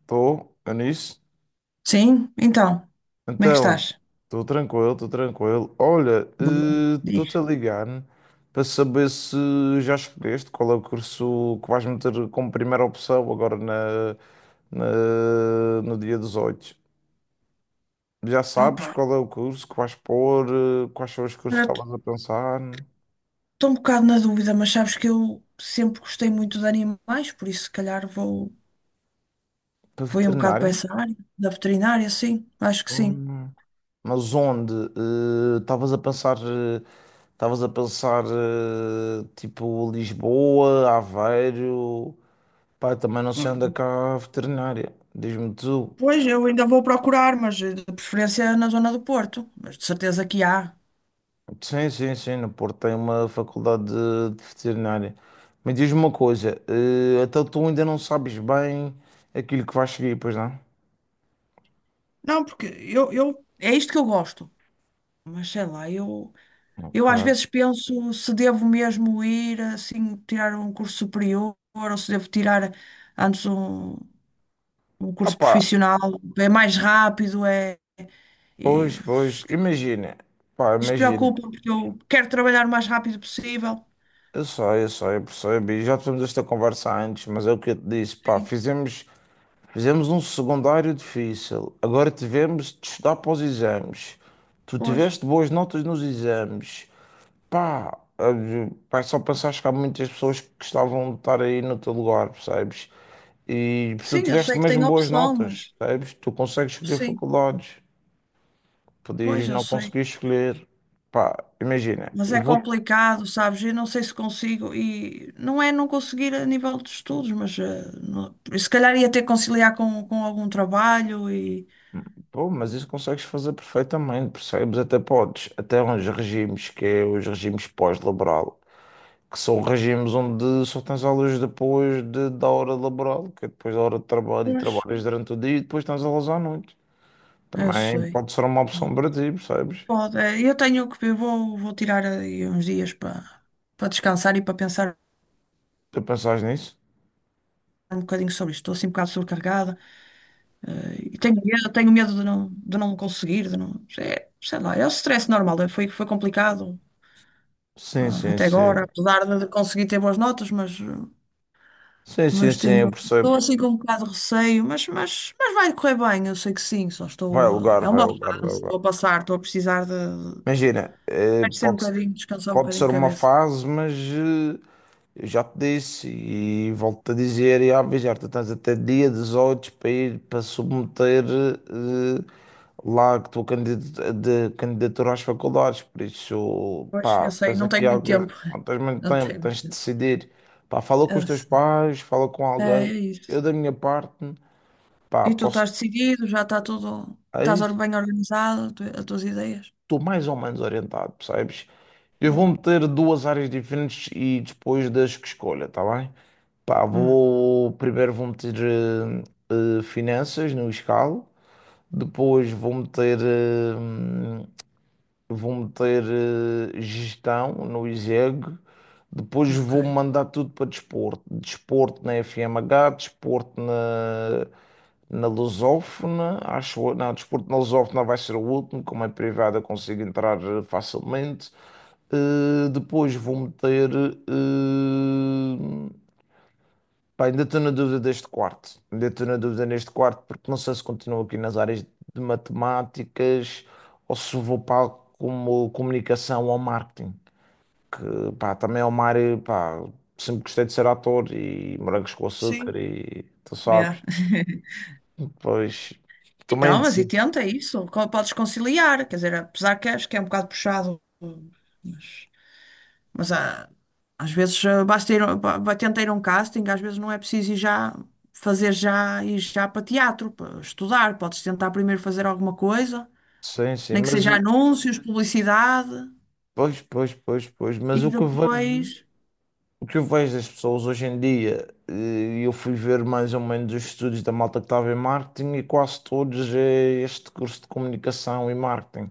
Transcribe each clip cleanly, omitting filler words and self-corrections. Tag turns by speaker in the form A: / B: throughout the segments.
A: Estou, Anis?
B: Sim, então, como é que
A: Então,
B: estás?
A: estou tranquilo, estou tranquilo. Olha,
B: Boa,
A: estou-te a
B: diz.
A: ligar para saber se já escolheste qual é o curso que vais meter como primeira opção agora no dia 18. Já sabes
B: Opa,
A: qual é o curso que vais pôr, quais são os cursos que estavas a pensar?
B: estou um bocado na dúvida, mas sabes que eu sempre gostei muito de animais, por isso se calhar vou,
A: Para
B: vou ir um bocado para
A: veterinária?
B: essa área, da veterinária, sim, acho que sim.
A: Hum. Mas onde? Estavas a pensar, tipo Lisboa, Aveiro? Pá, também não sei onde é que há a veterinária. Diz-me tu.
B: Pois, eu ainda vou procurar, mas de preferência na zona do Porto, mas de certeza que há.
A: Sim, sim, sim, no Porto tem uma faculdade de veterinária. Mas diz-me uma coisa, então tu ainda não sabes bem aquilo que vais seguir, pois não?
B: Não, porque eu. É isto que eu gosto, mas sei lá. Eu às
A: Ok.
B: vezes penso se devo mesmo ir assim tirar um curso superior ou se devo tirar antes um
A: Ah
B: curso
A: pá,
B: profissional. É mais rápido, é. E,
A: pois, pois, imagina, pá,
B: isso
A: imagina.
B: preocupa porque eu quero trabalhar o mais rápido possível.
A: Eu sei, eu sei, eu percebo. E já tivemos esta conversa antes, mas é o que eu te disse, pá,
B: Sim,
A: fizemos um secundário difícil. Agora tivemos de estudar para os exames. Tu
B: pois.
A: tiveste boas notas nos exames. Pá, olha, pá, só pensaste que há muitas pessoas que gostavam de estar aí no teu lugar, percebes? E mas tu
B: Sim, eu
A: tiveste
B: sei que
A: mesmo
B: tenho
A: boas
B: opção,
A: notas,
B: mas
A: percebes? Tu consegues escolher
B: sim,
A: faculdades, podias
B: pois eu
A: não
B: sei.
A: conseguir escolher. Pá, imagina,
B: Mas
A: eu
B: é
A: vou.
B: complicado, sabes? Eu não sei se consigo. E não é não conseguir a nível de estudos, mas se calhar ia ter que conciliar com algum trabalho e.
A: Pô, mas isso consegues fazer perfeitamente, percebes? Até podes. Até uns regimes, que é os regimes pós-laboral, que são regimes onde só tens aulas depois da hora laboral, que é depois da hora de trabalho e
B: Pois,
A: trabalhas durante o dia e depois tens aulas à noite.
B: eu
A: Também
B: sei.
A: pode ser uma opção para ti, percebes?
B: Pode, é, eu tenho que ver, vou tirar aí uns dias para descansar e para pensar
A: Tu pensas nisso?
B: um bocadinho sobre isto. Estou assim um bocado sobrecarregada, e tenho medo de não, conseguir, de não, é, sei lá, é o stress normal, é, foi complicado,
A: Sim,
B: ah,
A: sim,
B: até
A: sim.
B: agora, apesar de conseguir ter boas notas, mas, eh,
A: Sim, sim,
B: mas
A: sim, eu
B: tenho, estou
A: percebo.
B: assim com um bocado de receio, mas vai correr bem, eu sei que sim, só
A: Vai
B: estou a,
A: alugar,
B: é
A: vai
B: uma
A: alugar, vai
B: fase,
A: alugar.
B: estou a passar, estou a precisar de,
A: Imagina,
B: vai ser um bocadinho, descansar um
A: pode
B: bocadinho a
A: ser uma
B: cabeça.
A: fase, mas eu já te disse e volto-te a dizer e a avisar, tu tens até dia 18 para ir para submeter eh, lá que estou de candidatura às faculdades, por isso,
B: Pois,
A: pá,
B: eu sei,
A: tens
B: não
A: aqui
B: tenho muito
A: algo,
B: tempo.
A: não tens muito
B: Não
A: tempo,
B: tenho muito
A: tens de
B: tempo.
A: decidir. Pá, fala com os
B: Eu
A: teus
B: sei.
A: pais, fala com
B: é
A: alguém. Eu,
B: isso.
A: da minha parte, pá,
B: E tu estás
A: posso.
B: decidido, já está tudo.
A: Aí,
B: Estás bem organizado, as tuas ideias?
A: estou mais ou menos orientado, percebes? Eu vou
B: Bom.
A: meter duas áreas diferentes e depois das que escolha, tá bem? Pá,
B: Hum,
A: vou. Primeiro vou meter finanças no escalo, depois vou meter gestão no ISEG, depois
B: ok.
A: vou mandar tudo para desporto. Desporto na FMH, desporto na Lusófona, acho eu. Não, desporto na Lusófona vai ser o último, como é privado eu consigo entrar facilmente. Depois vou meter. eh, Pá, ainda estou na dúvida deste quarto. Ainda estou na dúvida neste quarto, porque não sei se continuo aqui nas áreas de matemáticas ou se vou para como comunicação ou marketing. Que pá, também é uma área, pá, sempre gostei de ser ator e morangos com açúcar
B: Sim,
A: e tu sabes.
B: yeah.
A: Pois também
B: Então, mas e
A: sim,
B: tenta isso. Podes conciliar, quer dizer, apesar que acho que é um bocado puxado, mas, mas às vezes ah, basta ir, tenta ir a um casting, às vezes não é preciso ir já fazer já ir já para teatro, para estudar. Podes tentar primeiro fazer alguma coisa.
A: sim, sim,
B: Nem que
A: mas
B: seja anúncios, publicidade
A: pois, pois, pois, pois,
B: e
A: mas o que eu
B: depois.
A: vejo. O que eu vejo das pessoas hoje em dia, eu fui ver mais ou menos os estudos da malta que estava em marketing e quase todos é este curso de comunicação e marketing,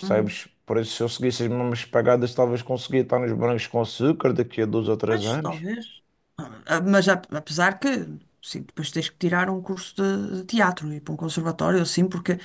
B: Hum,
A: Por isso, se eu seguisse as mesmas pegadas, talvez conseguia estar nos brancos com açúcar daqui a dois ou três
B: pois,
A: anos.
B: talvez. Ah, mas apesar que, sim, depois tens que tirar um curso de teatro e ir para um conservatório, assim, porque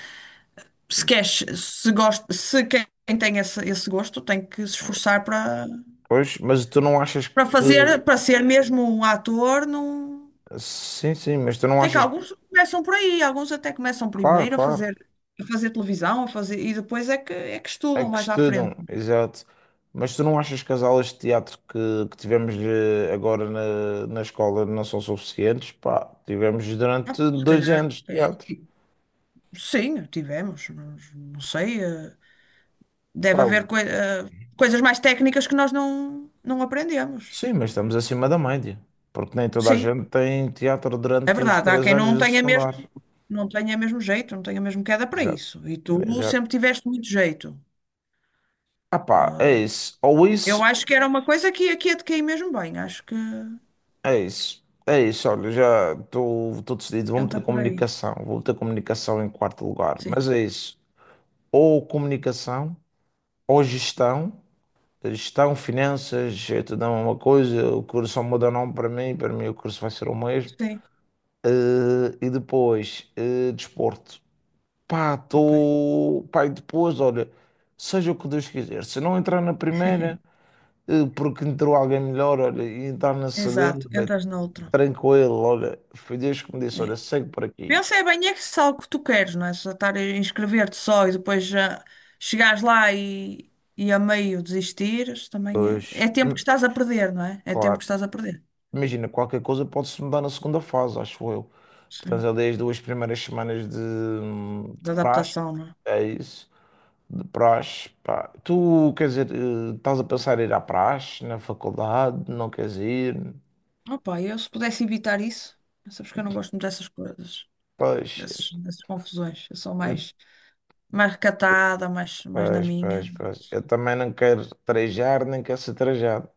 B: se queres, se gosta, se quem tem esse gosto tem que se esforçar para
A: Pois, mas tu não achas
B: para
A: que.
B: fazer, para ser mesmo um ator, não.
A: Sim, sim, mas tu não
B: Tem que
A: achas.
B: alguns começam por aí, alguns até começam
A: Claro,
B: primeiro
A: claro.
B: a fazer televisão, a fazer, e depois é que
A: É
B: estudam
A: que
B: mais à frente.
A: estudam, exato. Mas tu não achas que as aulas de teatro que tivemos agora na escola não são suficientes? Pá, tivemos
B: Ah,
A: durante
B: se
A: dois
B: calhar,
A: anos de
B: é,
A: teatro.
B: tipo, sim, tivemos, mas não sei, deve
A: Pá,
B: haver coisas mais técnicas que nós não aprendemos.
A: sim, mas estamos acima da média. Porque nem toda a
B: Sim,
A: gente tem teatro
B: é
A: durante os
B: verdade. Há
A: três
B: quem
A: anos
B: não
A: do
B: tenha mesmo,
A: secundário.
B: não tenha mesmo jeito, não tenha mesmo queda para
A: Exato.
B: isso. E tu
A: Exato.
B: sempre tiveste muito jeito.
A: Ah pá, é isso. Ou
B: Eu
A: isso,
B: acho que era uma coisa que aqui ia te cair mesmo bem. Acho que
A: é isso. É isso, olha, já estou decidido. Vou meter
B: entra por aí.
A: comunicação. Vou meter comunicação em quarto lugar. Mas
B: Sim,
A: é isso. Ou comunicação ou gestão, gestão, finanças, gestão é uma coisa, o curso só muda o nome para mim o curso vai ser o mesmo.
B: sim,
A: Eh, e depois, desporto. Pá,
B: ok.
A: tô... Pá, e depois, olha, seja o que Deus quiser. Se não entrar na primeira, porque entrou alguém melhor, olha, e entrar na
B: Exato,
A: segunda, bem,
B: entras noutra.
A: tranquilo, olha, foi Deus que me disse,
B: É.
A: olha, segue por aqui.
B: Pensa é bem é que se é algo que tu queres, não é? Só estar a inscrever-te só e depois ah, chegares lá e a meio desistires, também é. É
A: Pois,
B: tempo que estás a perder, não é? É tempo que
A: claro.
B: estás a perder.
A: Imagina, qualquer coisa pode-se mudar na segunda fase, acho eu. Portanto,
B: Sim.
A: eu dei as 2 primeiras semanas de
B: Da
A: praxe,
B: adaptação, não é?
A: é isso, de praxe. Pá. Tu, quer dizer, estás a pensar em ir à praxe, na faculdade, não queres ir?
B: Opa, eu se pudesse evitar isso, sabes que eu não gosto muito dessas coisas,
A: Pois,
B: dessas confusões. Eu sou
A: eu,
B: mais recatada, mais na
A: pois,
B: minha.
A: pois, pois. Eu também não quero trajar, nem quero ser trajado.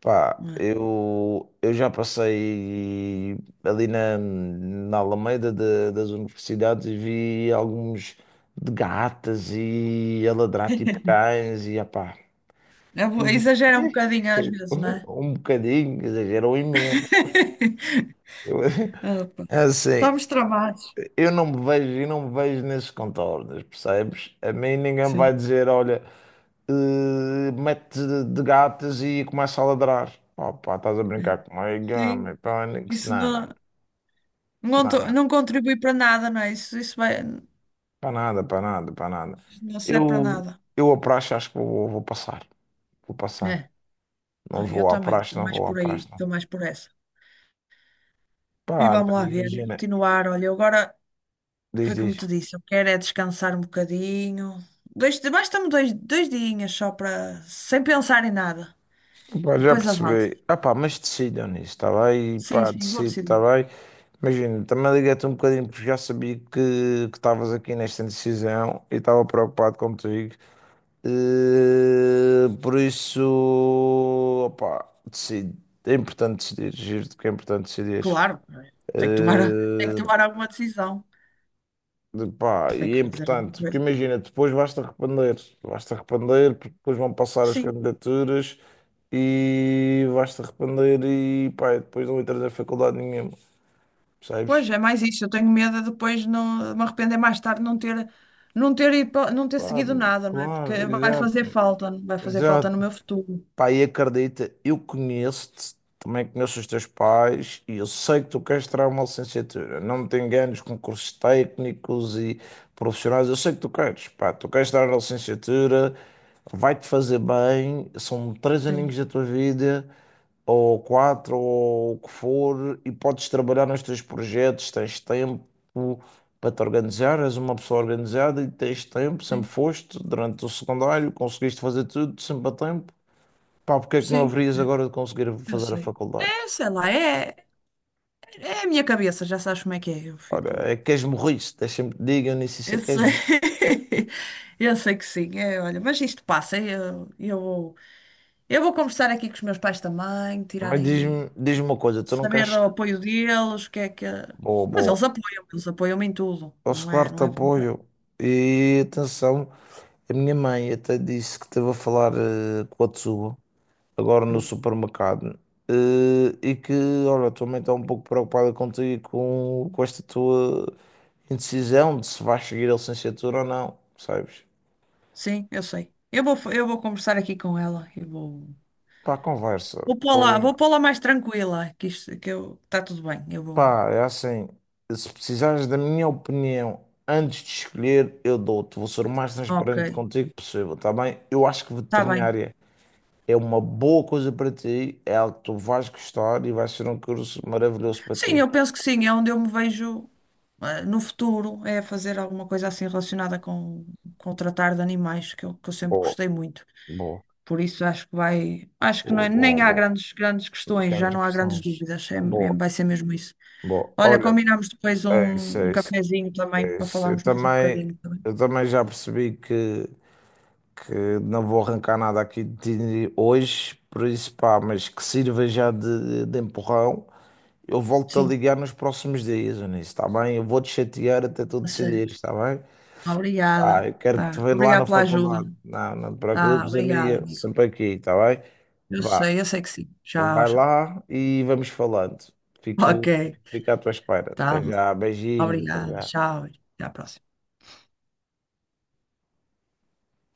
A: Pá,
B: Não é?
A: eu já passei ali na Alameda das universidades e vi alguns de gatas e a ladrar tipo cães e apá,
B: Eu
A: eu,
B: exagero um bocadinho às vezes, não é?
A: um bocadinho, exagerou imenso. Eu,
B: Opa,
A: assim,
B: estamos tramados.
A: eu não me vejo, eu não me vejo nesses contornos, percebes? A mim ninguém me vai
B: Sim.
A: dizer, olha, mete de gatas e começa a ladrar. Pá, pá, estás a brincar comigo,
B: Sim.
A: homem, pânico,
B: Isso
A: não, não,
B: não,
A: não,
B: não
A: não,
B: contribui para nada, não é? Isso vai,
A: para nada, para nada, para nada.
B: não serve para
A: Eu,
B: nada.
A: eu à praxe acho que vou, vou passar, vou passar.
B: É,
A: Não
B: eu
A: vou à
B: também,
A: praxe,
B: estou
A: não
B: mais
A: vou à
B: por aí,
A: praxe, não.
B: estou mais por essa. E
A: Pá,
B: vamos
A: mas
B: lá ver, e
A: imagina,
B: continuar. Olha, eu agora foi
A: diz,
B: como te
A: diz.
B: disse, eu quero é descansar um bocadinho. Basta-me dois dias só para, sem pensar em nada.
A: Pá, já
B: Depois avanço.
A: percebi. Ah pá, mas decidam nisso, está bem?
B: Sim,
A: Pá,
B: sim, vou
A: decido, está
B: decidir.
A: bem? Imagina, também liguei-te um bocadinho porque já sabia que estavas aqui nesta decisão e estava preocupado contigo. Por isso, opá, decido. É importante decidir, giro-te que é importante decidir.
B: Claro, tenho que tomar alguma decisão.
A: De pá,
B: Tenho
A: e
B: que
A: é
B: fazer alguma
A: importante, porque
B: coisa.
A: imagina, depois vais-te arrepender, porque depois vão passar as
B: Sim.
A: candidaturas e vais-te arrepender e pá, e depois não entras na faculdade nenhuma, percebes?
B: Pois, é mais isso. Eu tenho medo de depois não, de me arrepender mais tarde não ter, não ter, ido não ter seguido
A: Claro,
B: nada, não é?
A: claro,
B: Porque
A: exato,
B: vai fazer falta no
A: exato.
B: meu futuro.
A: Pá, e acredita, eu conheço-te, também conheço os teus pais e eu sei que tu queres tirar uma licenciatura. Não me te enganes com cursos técnicos e profissionais, eu sei que tu queres, pá, tu queres tirar a licenciatura, vai-te fazer bem, são três
B: Sim,
A: aninhos da tua vida, ou quatro, ou o que for, e podes trabalhar nos teus projetos, tens tempo para te organizar, és uma pessoa organizada e tens tempo, sempre
B: sim,
A: foste, durante o secundário, conseguiste fazer tudo sempre a tempo. Pá, porque é que não
B: sim,
A: haverias agora de conseguir
B: eu
A: fazer a
B: sei.
A: faculdade?
B: É, sei lá, é, a minha cabeça, já sabes como é que é. Eu
A: Ora,
B: fico.
A: é que és morriste, deixa-me que te diga, eu nem sei se
B: Eu
A: é que és
B: sei, eu sei que sim, é, olha, mas isto passa. É, eu vou conversar aqui com os meus pais também, tirar
A: Mas
B: aí,
A: diz me uma coisa, tu não
B: saber do
A: queres.
B: apoio deles, o que é que.
A: Boa,
B: Mas
A: boa.
B: eles apoiam-me em tudo,
A: Posso,
B: não é,
A: claro, te
B: não é?
A: apoio. E atenção, a minha mãe até disse que esteve a falar com a Tsuba, agora no
B: Hum,
A: supermercado, eh, e que, olha, a tua mãe está um pouco preocupada contigo e com esta tua indecisão de se vais seguir a licenciatura ou não, sabes?
B: Sim, eu sei. Eu vou conversar aqui com ela. Eu vou,
A: Pá, conversa.
B: vou pô-la mais tranquila, que isto, que eu, está tudo bem. Eu vou.
A: Pá, é assim, se precisares da minha opinião antes de escolher, eu dou-te. Vou ser o mais
B: Ok,
A: transparente contigo possível, tá bem? Eu acho que
B: está bem.
A: veterinária é uma boa coisa para ti, é algo que tu vais gostar e vai ser um curso maravilhoso para
B: Sim,
A: ti.
B: eu penso que sim, é onde eu me vejo ah, no futuro, é fazer alguma coisa assim relacionada com o tratar de animais, que eu sempre
A: Boa,
B: gostei muito.
A: boa,
B: Por isso acho que vai, acho que não
A: boa, boa,
B: nem há
A: boa,
B: grandes questões, já
A: Grandes
B: não há grandes
A: questões.
B: dúvidas, é,
A: Boa.
B: vai ser mesmo isso.
A: Bom,
B: Olha,
A: olha,
B: combinamos depois
A: é isso,
B: um
A: é isso,
B: cafezinho também
A: é
B: para
A: isso.
B: falarmos mais um bocadinho, tá.
A: Eu também já percebi que não vou arrancar nada aqui de hoje, por isso pá, mas que sirva já de empurrão. Eu volto a
B: Sim.
A: ligar nos próximos dias, Eunice, está bem? Eu vou te chatear até tu
B: Tá
A: decidir,
B: certo.
A: está bem? Ah,
B: Obrigada.
A: eu quero que
B: Tá.
A: te veja lá
B: Obrigada
A: na
B: pela ajuda.
A: faculdade. Não, não te
B: Tá,
A: preocupes,
B: obrigada,
A: amiga,
B: amigo.
A: sempre aqui, está bem? Vá,
B: Eu sei que sim. Tchau,
A: vai
B: tchau.
A: lá e vamos falando.
B: Ok.
A: Fico, fico à tua espera.
B: Tá.
A: Até já, beijinhos, até
B: Obrigada.
A: já.
B: Tchau. Até a próxima.